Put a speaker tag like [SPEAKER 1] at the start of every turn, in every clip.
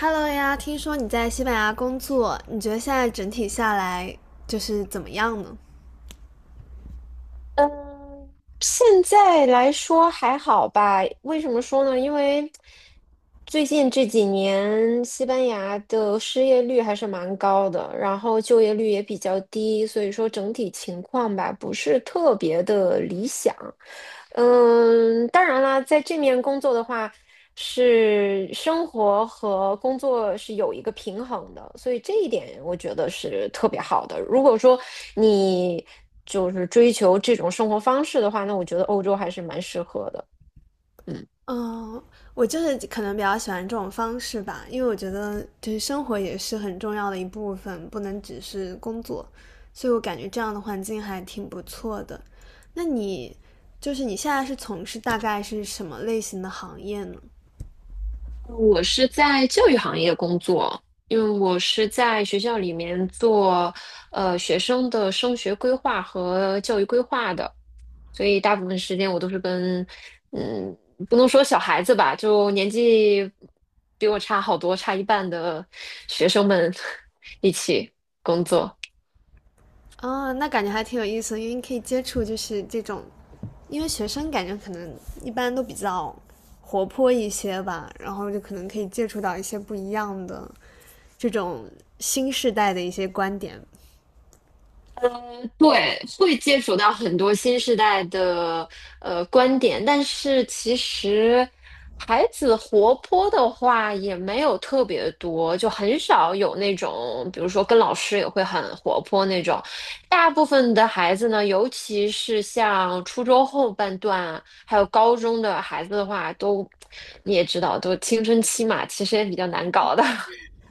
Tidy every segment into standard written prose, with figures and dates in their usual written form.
[SPEAKER 1] Hello 呀，听说你在西班牙工作，你觉得现在整体下来就是怎么样呢？
[SPEAKER 2] 嗯，现在来说还好吧？为什么说呢？因为最近这几年西班牙的失业率还是蛮高的，然后就业率也比较低，所以说整体情况吧，不是特别的理想。当然啦，在这面工作的话，是生活和工作是有一个平衡的，所以这一点我觉得是特别好的。如果说你就是追求这种生活方式的话，那我觉得欧洲还是蛮适合的。嗯。
[SPEAKER 1] 嗯，我就是可能比较喜欢这种方式吧，因为我觉得就是生活也是很重要的一部分，不能只是工作，所以我感觉这样的环境还挺不错的。那你就是你现在是从事大概是什么类型的行业呢？
[SPEAKER 2] 我是在教育行业工作，因为我是在学校里面做学生的升学规划和教育规划的，所以大部分时间我都是跟嗯，不能说小孩子吧，就年纪比我差好多，差一半的学生们 一起工作。
[SPEAKER 1] 哦，那感觉还挺有意思的，因为你可以接触就是这种，因为学生感觉可能一般都比较活泼一些吧，然后就可能可以接触到一些不一样的这种新时代的一些观点。
[SPEAKER 2] 对，会接触到很多新时代的观点，但是其实孩子活泼的话也没有特别多，就很少有那种，比如说跟老师也会很活泼那种。大部分的孩子呢，尤其是像初中后半段，还有高中的孩子的话，都你也知道，都青春期嘛，其实也比较难搞的。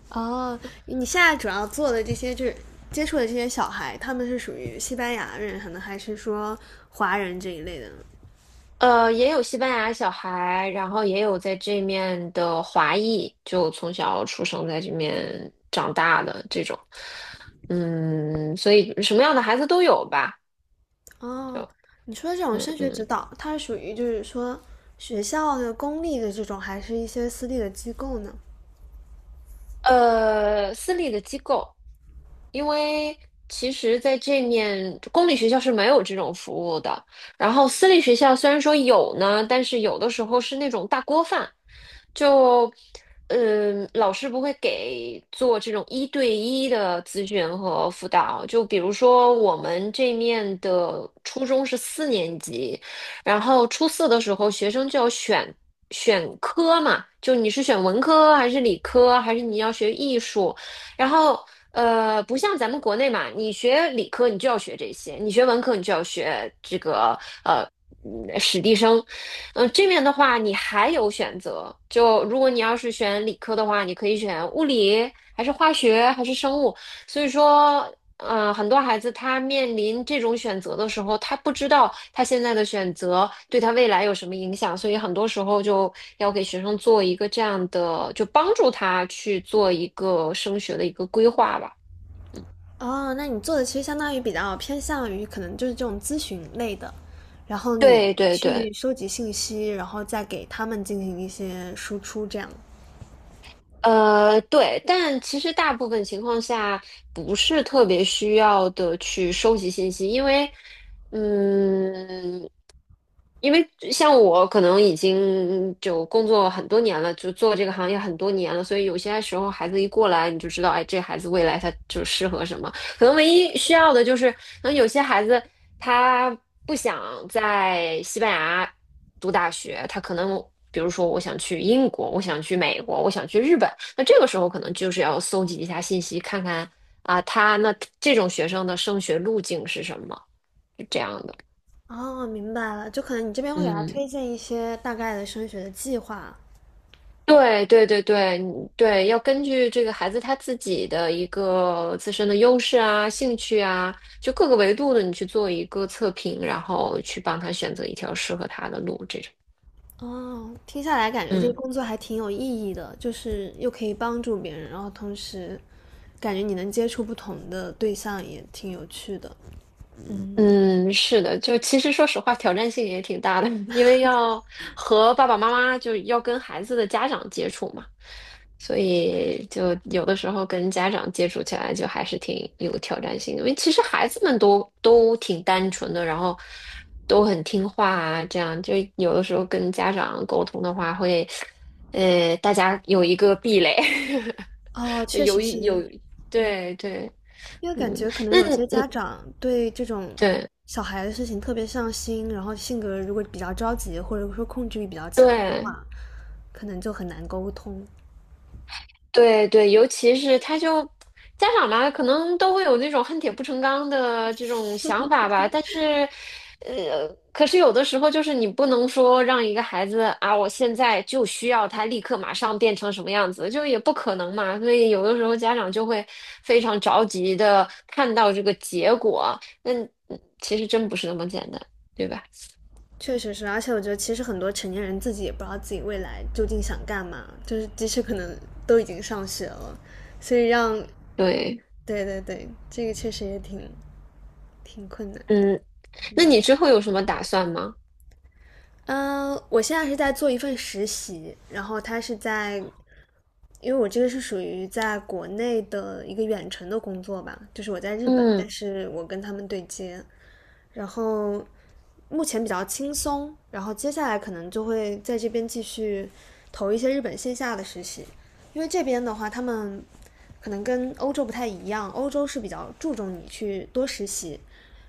[SPEAKER 1] 哦，你现在主要做的这些就是接触的这些小孩，他们是属于西班牙人，可能还是说华人这一类的呢
[SPEAKER 2] 也有西班牙小孩，然后也有在这面的华裔，就从小出生在这面长大的这种，所以什么样的孩子都有吧，
[SPEAKER 1] 哦，
[SPEAKER 2] 就，
[SPEAKER 1] 你说的这种
[SPEAKER 2] 嗯
[SPEAKER 1] 升学指
[SPEAKER 2] 嗯。
[SPEAKER 1] 导，它是属于就是说学校的公立的这种，还是一些私立的机构呢？
[SPEAKER 2] 私立的机构，因为其实在这面公立学校是没有这种服务的。然后私立学校虽然说有呢，但是有的时候是那种大锅饭，就老师不会给做这种一对一的咨询和辅导。就比如说我们这面的初中是四年级，然后初四的时候，学生就要选科嘛，就你是选文科还是理科，还是你要学艺术？然后不像咱们国内嘛，你学理科你就要学这些，你学文科你就要学这个呃史地生。这面的话你还有选择，就如果你要是选理科的话，你可以选物理，还是化学，还是生物。所以说，很多孩子他面临这种选择的时候，他不知道他现在的选择对他未来有什么影响，所以很多时候就要给学生做一个这样的，就帮助他去做一个升学的一个规划吧。
[SPEAKER 1] 哦，那你做的其实相当于比较偏向于可能就是这种咨询类的，然后你
[SPEAKER 2] 对对
[SPEAKER 1] 去
[SPEAKER 2] 对，
[SPEAKER 1] 收集信息，然后再给他们进行一些输出，这样。
[SPEAKER 2] 对，但其实大部分情况下不是特别需要的去收集信息，嗯。因为像我可能已经就工作很多年了，就做这个行业很多年了，所以有些时候孩子一过来，你就知道，哎，这孩子未来他就适合什么。可能唯一需要的就是，可能有些孩子他不想在西班牙读大学，他可能比如说我想去英国，我想去美国，我想去日本，那这个时候可能就是要搜集一下信息，看看啊，这种学生的升学路径是什么，是这样的，
[SPEAKER 1] 哦，明白了，就可能你这边会给他
[SPEAKER 2] 嗯。
[SPEAKER 1] 推荐一些大概的升学的计划。
[SPEAKER 2] 对对对对你对，要根据这个孩子他自己的一个自身的优势啊、兴趣啊，就各个维度的，你去做一个测评，然后去帮他选择一条适合他的路，这种。
[SPEAKER 1] 哦，听下来感觉这个
[SPEAKER 2] 嗯。
[SPEAKER 1] 工作还挺有意义的，就是又可以帮助别人，然后同时感觉你能接触不同的对象也挺有趣的。
[SPEAKER 2] 嗯，是的，就其实说实话，挑战性也挺大的，因为要和爸爸妈妈，就要跟孩子的家长接触嘛，所以就有的时候跟家长接触起来，就还是挺有挑战性的。因为其实孩子们都挺单纯的，然后都很听话啊，这样就有的时候跟家长沟通的话会，大家有一个壁垒，
[SPEAKER 1] 哦，确
[SPEAKER 2] 有
[SPEAKER 1] 实
[SPEAKER 2] 一有，
[SPEAKER 1] 是，嗯。
[SPEAKER 2] 对对，
[SPEAKER 1] 因为感
[SPEAKER 2] 嗯，
[SPEAKER 1] 觉可能
[SPEAKER 2] 那
[SPEAKER 1] 有
[SPEAKER 2] 你
[SPEAKER 1] 些家长对这种
[SPEAKER 2] 对
[SPEAKER 1] 小孩的事情特别上心，然后性格如果比较着急，或者说控制欲比较强的
[SPEAKER 2] 对。
[SPEAKER 1] 话，可能就很难沟通。
[SPEAKER 2] 对对，尤其是他就家长嘛，可能都会有那种恨铁不成钢的这种想法吧。但是，呃，可是有的时候就是你不能说让一个孩子啊，我现在就需要他立刻马上变成什么样子，就也不可能嘛。所以有的时候家长就会非常着急的看到这个结果，那其实真不是那么简单，对吧？
[SPEAKER 1] 确实是，而且我觉得其实很多成年人自己也不知道自己未来究竟想干嘛，就是即使可能都已经上学了，所以让
[SPEAKER 2] 对，
[SPEAKER 1] 对对对，这个确实也挺挺困难的。
[SPEAKER 2] 嗯，那你之后有什么打算吗？
[SPEAKER 1] 嗯，我现在是在做一份实习，然后他是在因为我这个是属于在国内的一个远程的工作吧，就是我在日本，但
[SPEAKER 2] 嗯
[SPEAKER 1] 是我跟他们对接，然后目前比较轻松，然后接下来可能就会在这边继续投一些日本线下的实习，因为这边的话，他们可能跟欧洲不太一样，欧洲是比较注重你去多实习，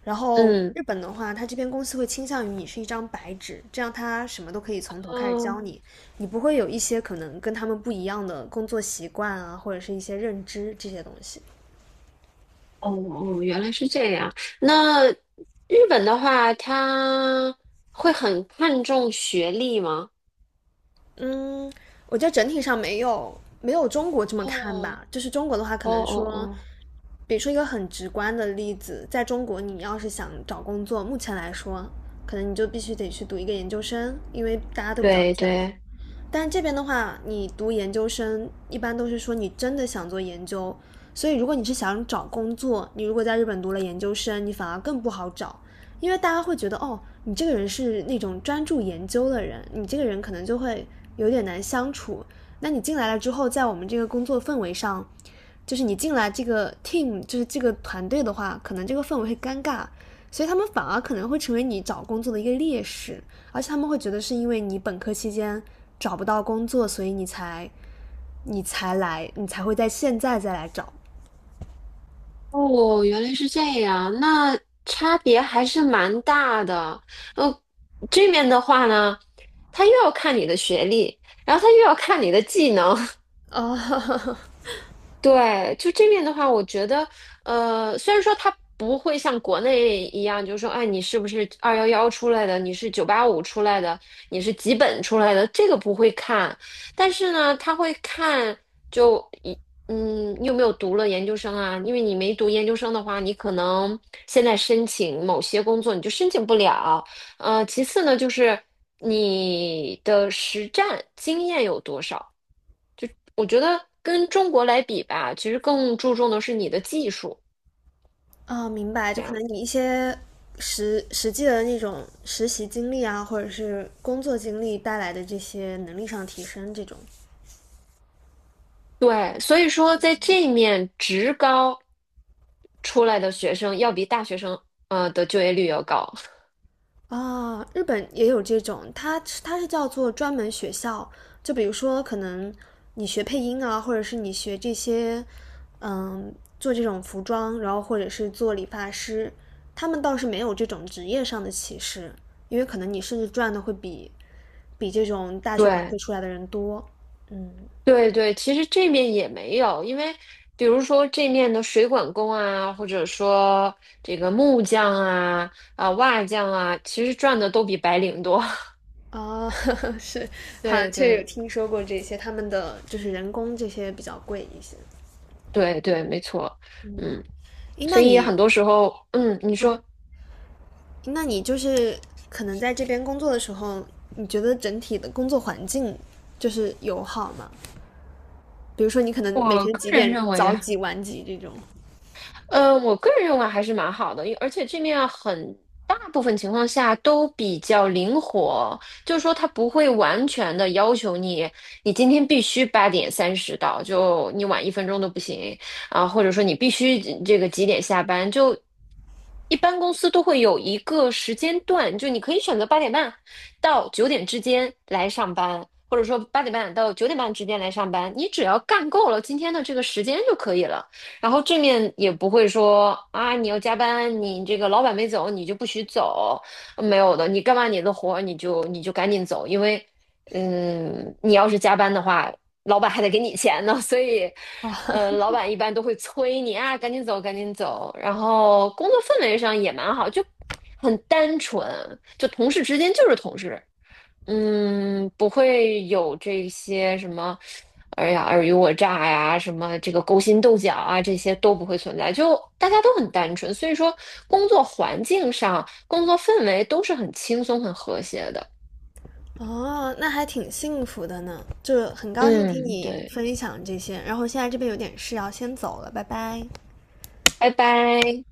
[SPEAKER 1] 然后
[SPEAKER 2] 嗯。
[SPEAKER 1] 日本的话，它这边公司会倾向于你是一张白纸，这样他什么都可以从头开始
[SPEAKER 2] 哦
[SPEAKER 1] 教你，你不会有一些可能跟他们不一样的工作习惯啊，或者是一些认知这些东西。
[SPEAKER 2] 哦哦，原来是这样。那日本的话，他会很看重学历吗？
[SPEAKER 1] 嗯，我觉得整体上没有中国这么看
[SPEAKER 2] 哦
[SPEAKER 1] 吧。就是中国的话，可
[SPEAKER 2] 哦
[SPEAKER 1] 能
[SPEAKER 2] 哦
[SPEAKER 1] 说，
[SPEAKER 2] 哦，
[SPEAKER 1] 比如说一个很直观的例子，在中国，你要是想找工作，目前来说，可能你就必须得去读一个研究生，因为大家都比较
[SPEAKER 2] 对
[SPEAKER 1] 卷。
[SPEAKER 2] 对，
[SPEAKER 1] 但这边的话，你读研究生一般都是说你真的想做研究，所以如果你是想找工作，你如果在日本读了研究生，你反而更不好找，因为大家会觉得哦，你这个人是那种专注研究的人，你这个人可能就会有点难相处。那你进来了之后，在我们这个工作氛围上，就是你进来这个 team，就是这个团队的话，可能这个氛围会尴尬，所以他们反而可能会成为你找工作的一个劣势。而且他们会觉得是因为你本科期间找不到工作，所以你才来，你才会在现在再来找。
[SPEAKER 2] 哦，原来是这样，那差别还是蛮大的。呃，这边的话呢，他又要看你的学历，然后他又要看你的技能，
[SPEAKER 1] 哦
[SPEAKER 2] 对，就这面的话，我觉得，虽然说它不会像国内一样，就是说，哎，你是不是211出来的，你是985出来的，你是几本出来的，这个不会看，但是呢，他会看就一。嗯，你有没有读了研究生啊？因为你没读研究生的话，你可能现在申请某些工作你就申请不了。其次呢，就是你的实战经验有多少。我觉得跟中国来比吧，其实更注重的是你的技术，
[SPEAKER 1] 哦，明白，就
[SPEAKER 2] 这
[SPEAKER 1] 可
[SPEAKER 2] 样。
[SPEAKER 1] 能你一些实际的那种实习经历啊，或者是工作经历带来的这些能力上提升，这种
[SPEAKER 2] 对，所以说在这一面，职高出来的学生要比大学生的就业率要高。
[SPEAKER 1] 啊、日本也有这种，它是叫做专门学校，就比如说可能你学配音啊，或者是你学这些，嗯，做这种服装，然后或者是做理发师，他们倒是没有这种职业上的歧视，因为可能你甚至赚的会比这种大学本科
[SPEAKER 2] 对
[SPEAKER 1] 出来的人多，嗯。
[SPEAKER 2] 对对，其实这面也没有，因为比如说这面的水管工啊，或者说这个木匠啊、瓦匠啊，其实赚的都比白领多。
[SPEAKER 1] 啊，是，好像
[SPEAKER 2] 对
[SPEAKER 1] 确实有
[SPEAKER 2] 对
[SPEAKER 1] 听说过这些，他们的就是人工这些比较贵一些。
[SPEAKER 2] 对对，没错，嗯，
[SPEAKER 1] 诶，
[SPEAKER 2] 所
[SPEAKER 1] 那
[SPEAKER 2] 以很
[SPEAKER 1] 你
[SPEAKER 2] 多时候，你说，
[SPEAKER 1] 就是可能在这边工作的时候，你觉得整体的工作环境就是友好吗？比如说你可能每
[SPEAKER 2] 我
[SPEAKER 1] 天
[SPEAKER 2] 个
[SPEAKER 1] 几
[SPEAKER 2] 人
[SPEAKER 1] 点
[SPEAKER 2] 认
[SPEAKER 1] 早
[SPEAKER 2] 为。
[SPEAKER 1] 几晚几这种。
[SPEAKER 2] 我个人认为还是蛮好的，因而且这面很大部分情况下都比较灵活，就是说它不会完全的要求你，你今天必须8:30到，就你晚1分钟都不行啊，或者说你必须这个几点下班，就一般公司都会有一个时间段，就你可以选择八点半到九点之间来上班，或者说八点半到9:30之间来上班，你只要干够了今天的这个时间就可以了。然后正面也不会说啊，你要加班，你这个老板没走，你就不许走，没有的，你干完你的活儿你就赶紧走，因为，你要是加班的话，老板还得给你钱呢，所以，老板一般都会催你啊，赶紧走，赶紧走。然后工作氛围上也蛮好，就很单纯，就同事之间就是同事。不会有这些什么，哎呀，尔虞我诈呀，什么这个勾心斗角啊，这些都不会存在，就大家都很单纯，所以说工作环境上、工作氛围都是很轻松、很和谐的。
[SPEAKER 1] 哦，那还挺幸福的呢，就很高兴听
[SPEAKER 2] 嗯，
[SPEAKER 1] 你
[SPEAKER 2] 对，
[SPEAKER 1] 分享这些。然后现在这边有点事要先走了，拜拜。
[SPEAKER 2] 拜拜。